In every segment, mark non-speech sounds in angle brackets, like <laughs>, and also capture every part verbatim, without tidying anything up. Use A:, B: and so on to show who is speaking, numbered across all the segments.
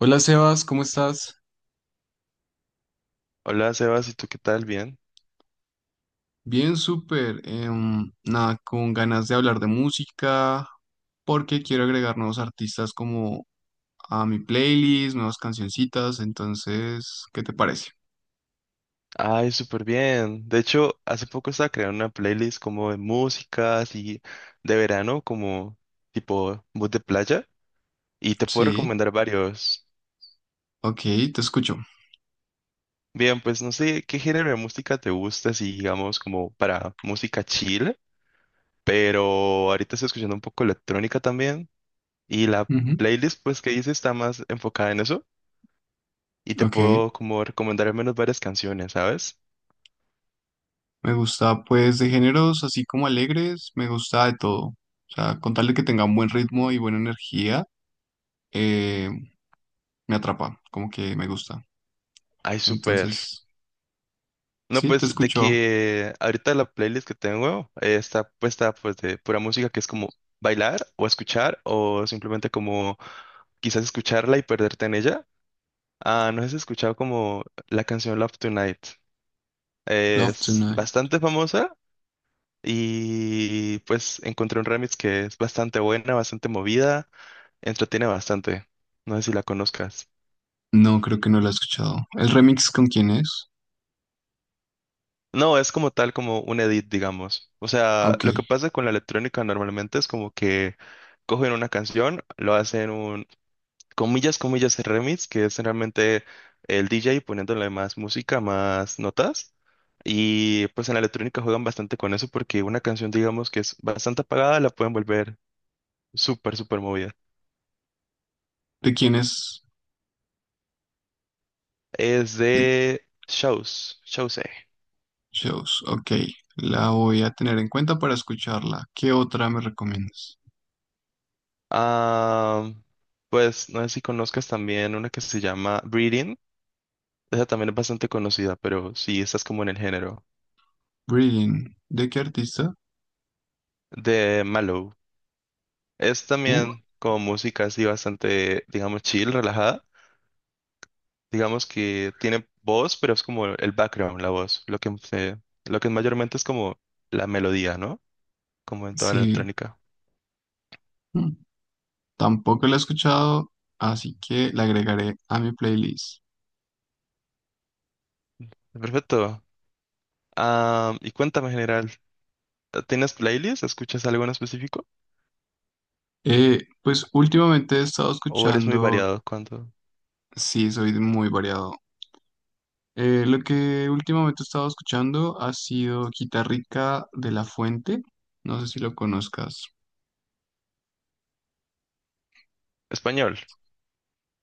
A: Hola Sebas, ¿cómo estás?
B: Hola Sebas, ¿y tú qué tal? ¿Bien?
A: Bien, súper. Em, nada, con ganas de hablar de música, porque quiero agregar nuevos artistas como a mi playlist, nuevas cancioncitas. Entonces, ¿qué te parece?
B: Ay, súper bien. De hecho, hace poco estaba creando una playlist como de música, así de verano, como tipo mood de playa, y te puedo
A: Sí,
B: recomendar varios.
A: ok, te escucho.
B: Bien, pues no sé qué género de música te gusta, si digamos como para música chill, pero ahorita estoy escuchando un poco electrónica también, y la
A: Ujú.
B: playlist pues que hice está más enfocada en eso, y te
A: Ok,
B: puedo como recomendar al menos varias canciones, ¿sabes?
A: me gusta pues de géneros así como alegres, me gusta de todo. O sea, con tal de que tenga un buen ritmo y buena energía, eh, me atrapa, como que me gusta.
B: Ay, súper.
A: Entonces,
B: No,
A: sí, te
B: pues de
A: escucho.
B: que ahorita la playlist que tengo eh, está puesta pues de pura música que es como bailar o escuchar o simplemente como quizás escucharla y perderte en ella. Ah, no sé si has escuchado como la canción Love Tonight.
A: Love
B: Es
A: Tonight.
B: bastante famosa y pues encontré un remix que es bastante buena, bastante movida, entretiene bastante. No sé si la conozcas.
A: No, creo que no la he escuchado. ¿El remix con quién es?
B: No, es como tal, como un edit, digamos. O sea,
A: Ok.
B: lo que pasa con la electrónica normalmente es como que cogen una canción, lo hacen un, comillas, comillas, remix, que es realmente el D J poniéndole más música, más notas. Y pues en la electrónica juegan bastante con eso porque una canción, digamos, que es bastante apagada, la pueden volver súper, súper movida.
A: ¿De quién es?
B: Es
A: De
B: de Shows, Shows.
A: Shows. Ok. La voy a tener en cuenta para escucharla. ¿Qué otra me recomiendas?
B: Ah, pues no sé si conozcas también una que se llama Breathing. Esa también es bastante conocida, pero sí, esta es como en el género
A: Breathing. ¿De qué artista?
B: de Mallow. Es
A: Uh,
B: también como música así bastante, digamos, chill, relajada. Digamos que tiene voz, pero es como el background, la voz. Lo que, se- lo que mayormente es como la melodía, ¿no? Como en toda la
A: sí.
B: electrónica.
A: Mm, tampoco la he escuchado, así que la agregaré a mi playlist.
B: Perfecto. Ah, y cuéntame en general, ¿tienes playlist? ¿Escuchas algo en específico?
A: Eh, pues últimamente he estado
B: ¿O eres muy
A: escuchando,
B: variado cuando...
A: sí, soy muy variado. Eh, lo que últimamente he estado escuchando ha sido Quitarrica de la Fuente, no sé si lo conozcas,
B: Español.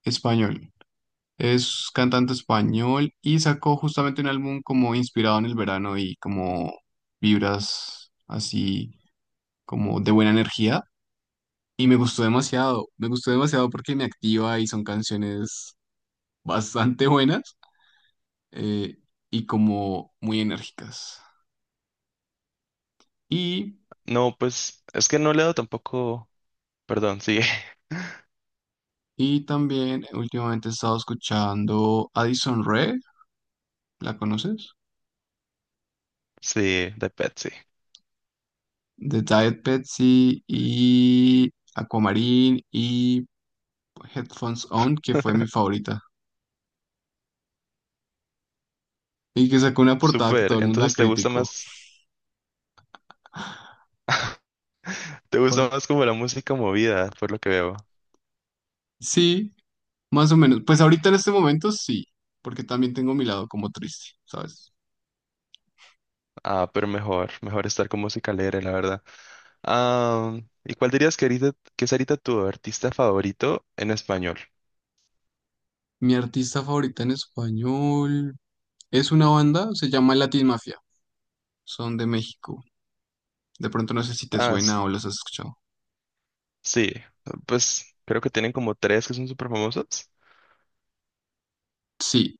A: español. Es cantante español y sacó justamente un álbum como inspirado en el verano y como vibras así como de buena energía. Y me gustó demasiado, me gustó demasiado porque me activa y son canciones bastante buenas, eh, y como muy enérgicas. Y
B: No, pues es que no leo tampoco... Perdón, sí. <laughs>
A: y también eh, últimamente he estado escuchando Addison Rae, ¿la conoces?
B: Sí, de Pet, sí.
A: The Diet Pepsi y Aquamarine y Headphones On, que fue mi favorita. Y que sacó una portada que todo
B: Súper,
A: el mundo la
B: entonces te gusta
A: criticó.
B: más, <laughs> te
A: Pa-
B: gusta más como la música movida, por lo que veo.
A: Sí, más o menos. Pues ahorita en este momento sí, porque también tengo mi lado como triste, ¿sabes?
B: Ah, pero mejor, mejor estar con música alegre, la verdad. Ah, ¿y cuál dirías que ahorita, que es ahorita tu artista favorito en español?
A: Mi artista favorita en español es una banda, se llama Latin Mafia, son de México. De pronto no sé si te
B: Ah,
A: suena
B: s-
A: o los has escuchado.
B: sí, pues creo que tienen como tres que son súper famosos.
A: Sí,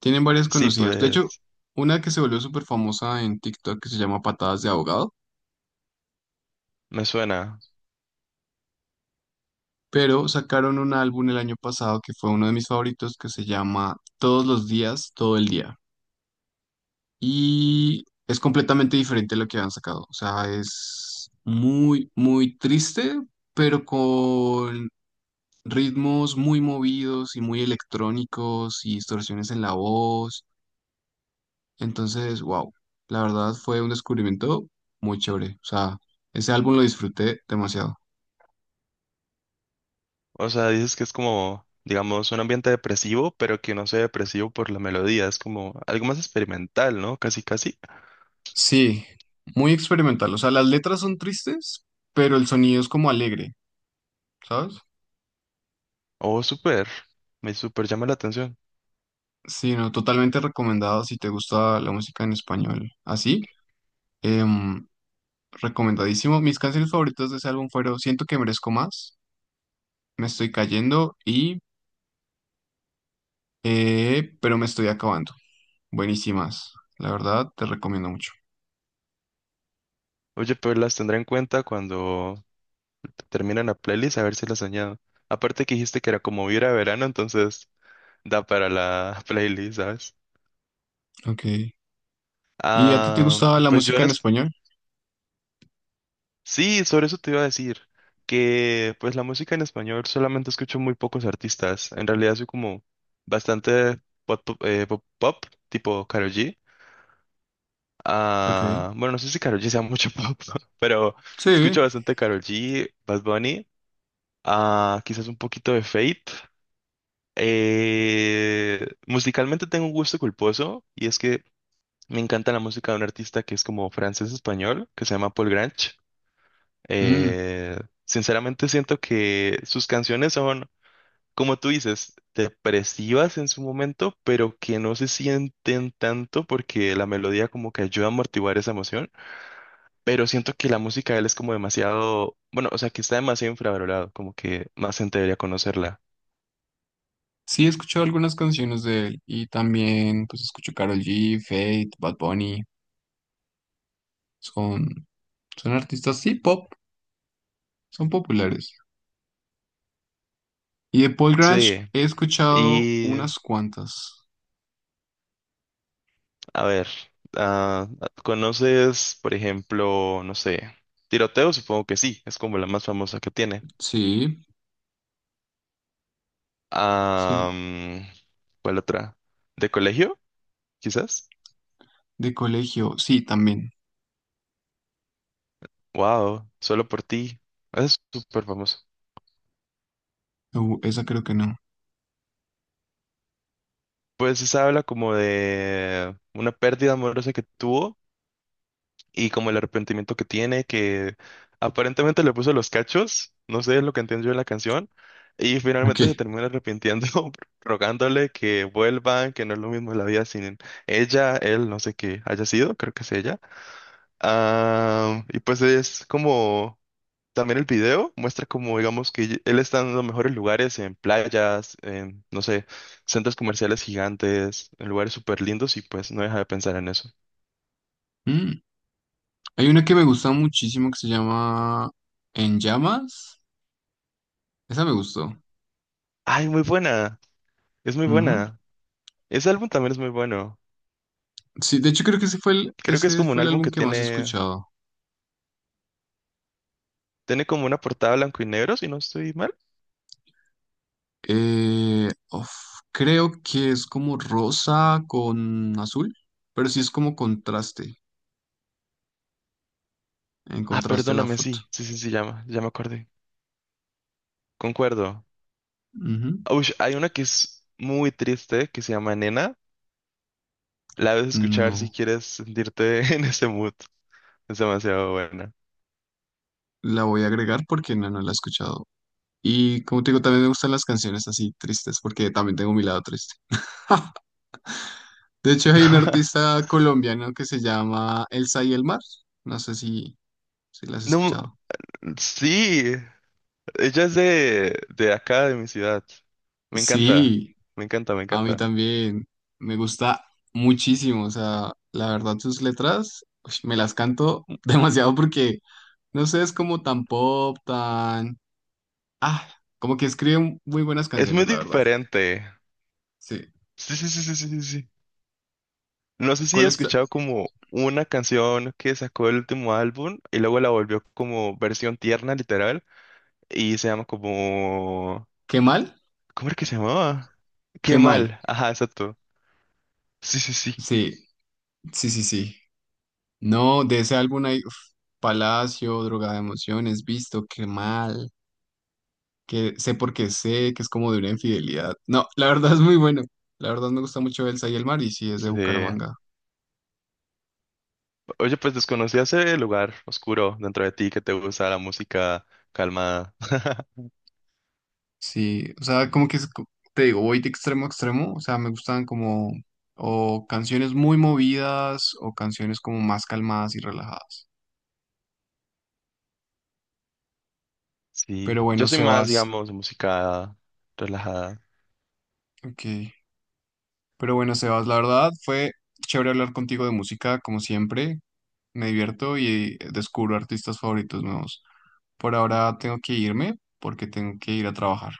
A: tienen varias
B: Sí,
A: conocidas. De hecho,
B: pues
A: una que se volvió súper famosa en TikTok que se llama Patadas de Abogado,
B: me suena.
A: pero sacaron un álbum el año pasado que fue uno de mis favoritos que se llama Todos los días, todo el día. Y es completamente diferente a lo que han sacado. O sea, es muy, muy triste, pero con ritmos muy movidos y muy electrónicos y distorsiones en la voz. Entonces, wow, la verdad fue un descubrimiento muy chévere. O sea, ese álbum lo disfruté demasiado.
B: O sea, dices que es como, digamos, un ambiente depresivo, pero que no sea depresivo por la melodía, es como algo más experimental, ¿no? Casi, casi.
A: Sí, muy experimental. O sea, las letras son tristes, pero el sonido es como alegre, ¿sabes?
B: Oh, súper. Me súper llama la atención.
A: Sí, no, totalmente recomendado si te gusta la música en español. Así, em, recomendadísimo. Mis canciones favoritas de ese álbum fueron Siento que merezco más, Me estoy cayendo y eh, Pero me estoy acabando. Buenísimas. La verdad, te recomiendo mucho.
B: Oye, pues las tendré en cuenta cuando termine la playlist, a ver si las añado. Aparte que dijiste que era como vibra a verano, entonces da para la <laughs> playlist, ¿sabes?
A: Ok. ¿Y a ti te
B: Ah,
A: gustaba la
B: pues yo
A: música
B: en
A: en
B: es-
A: español?
B: Sí, sobre eso te iba a decir. Que pues la música en español solamente escucho muy pocos artistas. En realidad soy como bastante pop, pop, eh, pop- pop, tipo Karol G.
A: Ok.
B: Ah, bueno, no sé si Karol G sea mucho <laughs> pop, ¿no? Pero...
A: Sí.
B: Escucho bastante Karol G, Bad Bunny a quizás un poquito de Fate. Eh, musicalmente tengo un gusto culposo y es que me encanta la música de un artista que es como francés-español, que se llama Paul Grange.
A: Mm,
B: Eh, Sinceramente siento que sus canciones son, como tú dices, depresivas en su momento, pero que no se sienten tanto porque la melodía como que ayuda a amortiguar esa emoción. Pero siento que la música de él es como demasiado, bueno, o sea, que está demasiado infravalorado, como que más gente debería conocerla.
A: sí, he escuchado algunas canciones de él y también pues escucho Karol G, Fate, Bad Bunny. Son, son artistas, sí, pop, son populares. Y de Paul Grange
B: Sí.
A: he escuchado
B: Y,
A: unas cuantas.
B: a ver, ah, ¿conoces, por ejemplo, no sé, tiroteo? Supongo que sí, es como la más famosa que tiene.
A: Sí,
B: Ah,
A: sí,
B: mm, ¿cuál otra? ¿De colegio? Quizás.
A: de colegio, sí, también.
B: Wow, solo por ti. Es súper famoso.
A: Uh, esa creo que no.
B: Pues esa habla como de una pérdida amorosa que tuvo y como el arrepentimiento que tiene, que aparentemente le puso los cachos, no sé, es lo que entendí yo de la canción, y
A: Ok.
B: finalmente se termina arrepintiendo, <laughs> rogándole que vuelvan, que no es lo mismo la vida sin ella, él, no sé qué haya sido, creo que es ella. Ah, y pues es como... También el video muestra como, digamos, que él está en los mejores lugares, en playas, en, no sé, centros comerciales gigantes, en lugares súper lindos y pues no deja de pensar en eso.
A: Mm, hay una que me gusta muchísimo que se llama En Llamas. Esa me gustó.
B: Ay, muy buena, es muy buena. Ese álbum también es muy bueno.
A: Sí, de hecho creo que ese fue el,
B: Creo que es
A: ese
B: como un
A: fue el
B: álbum
A: álbum
B: que
A: que más he
B: tiene,
A: escuchado.
B: tiene como una portada blanco y negro, si no estoy mal.
A: Eh, uf, Creo que es como rosa con azul, pero sí es como contraste, en
B: Ah,
A: contraste la
B: perdóname,
A: foto.
B: sí, sí, sí, sí, ya, me- ya me acordé. Concuerdo.
A: Ujú.
B: Ush, hay una que es muy triste que se llama Nena. La debes escuchar
A: No,
B: si quieres sentirte <laughs> en ese mood. Es demasiado buena.
A: la voy a agregar porque no, no la he escuchado. Y como te digo, también me gustan las canciones así tristes porque también tengo mi lado triste. <laughs> De hecho, hay un
B: <laughs>
A: artista colombiano que se llama Elsa y el Mar. No sé si, si la has
B: No,
A: escuchado.
B: sí, ella es de, de acá, de mi ciudad. Me encanta,
A: Sí,
B: me encanta, me
A: a mí
B: encanta.
A: también me gusta muchísimo. O sea, la verdad sus letras ush, me las canto <laughs> demasiado porque, no sé, es como tan pop, tan... Ah, como que escribe muy buenas
B: Es muy
A: canciones, la verdad.
B: diferente.
A: Sí.
B: Sí, sí, sí, sí, sí, sí, sí. No sé si he
A: ¿Cuál está?
B: escuchado como una canción que sacó el último álbum y luego la volvió como versión tierna, literal, y se llama como...
A: ¿Qué mal?
B: ¿Cómo era que se llamaba? Qué
A: ¿Qué mal?
B: mal. Ajá, exacto. Sí, sí, sí.
A: Sí, sí, sí, sí. No, de ese álbum hay uf, Palacio, Droga de Emociones, Visto, Qué mal, que sé porque sé, que es como de una infidelidad. No, la verdad es muy bueno. La verdad me gusta mucho Elsa y el mar y sí, es de
B: Sí.
A: Bucaramanga.
B: Oye, pues desconocí ese lugar oscuro dentro de ti que te gusta la música calmada. <laughs>
A: Sí, o sea, como que es co- te digo, voy de extremo a extremo. O sea, me gustan como o canciones muy movidas o canciones como más calmadas y relajadas.
B: Sí,
A: Pero
B: yo
A: bueno,
B: soy más,
A: Sebas,
B: digamos, música relajada.
A: ok. Pero bueno, Sebas, la verdad fue chévere hablar contigo de música, como siempre. Me divierto y descubro artistas favoritos nuevos. Por ahora tengo que irme porque tengo que ir a trabajar.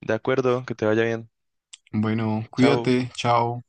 B: De acuerdo, que te vaya bien.
A: Bueno,
B: Chao.
A: cuídate, chao.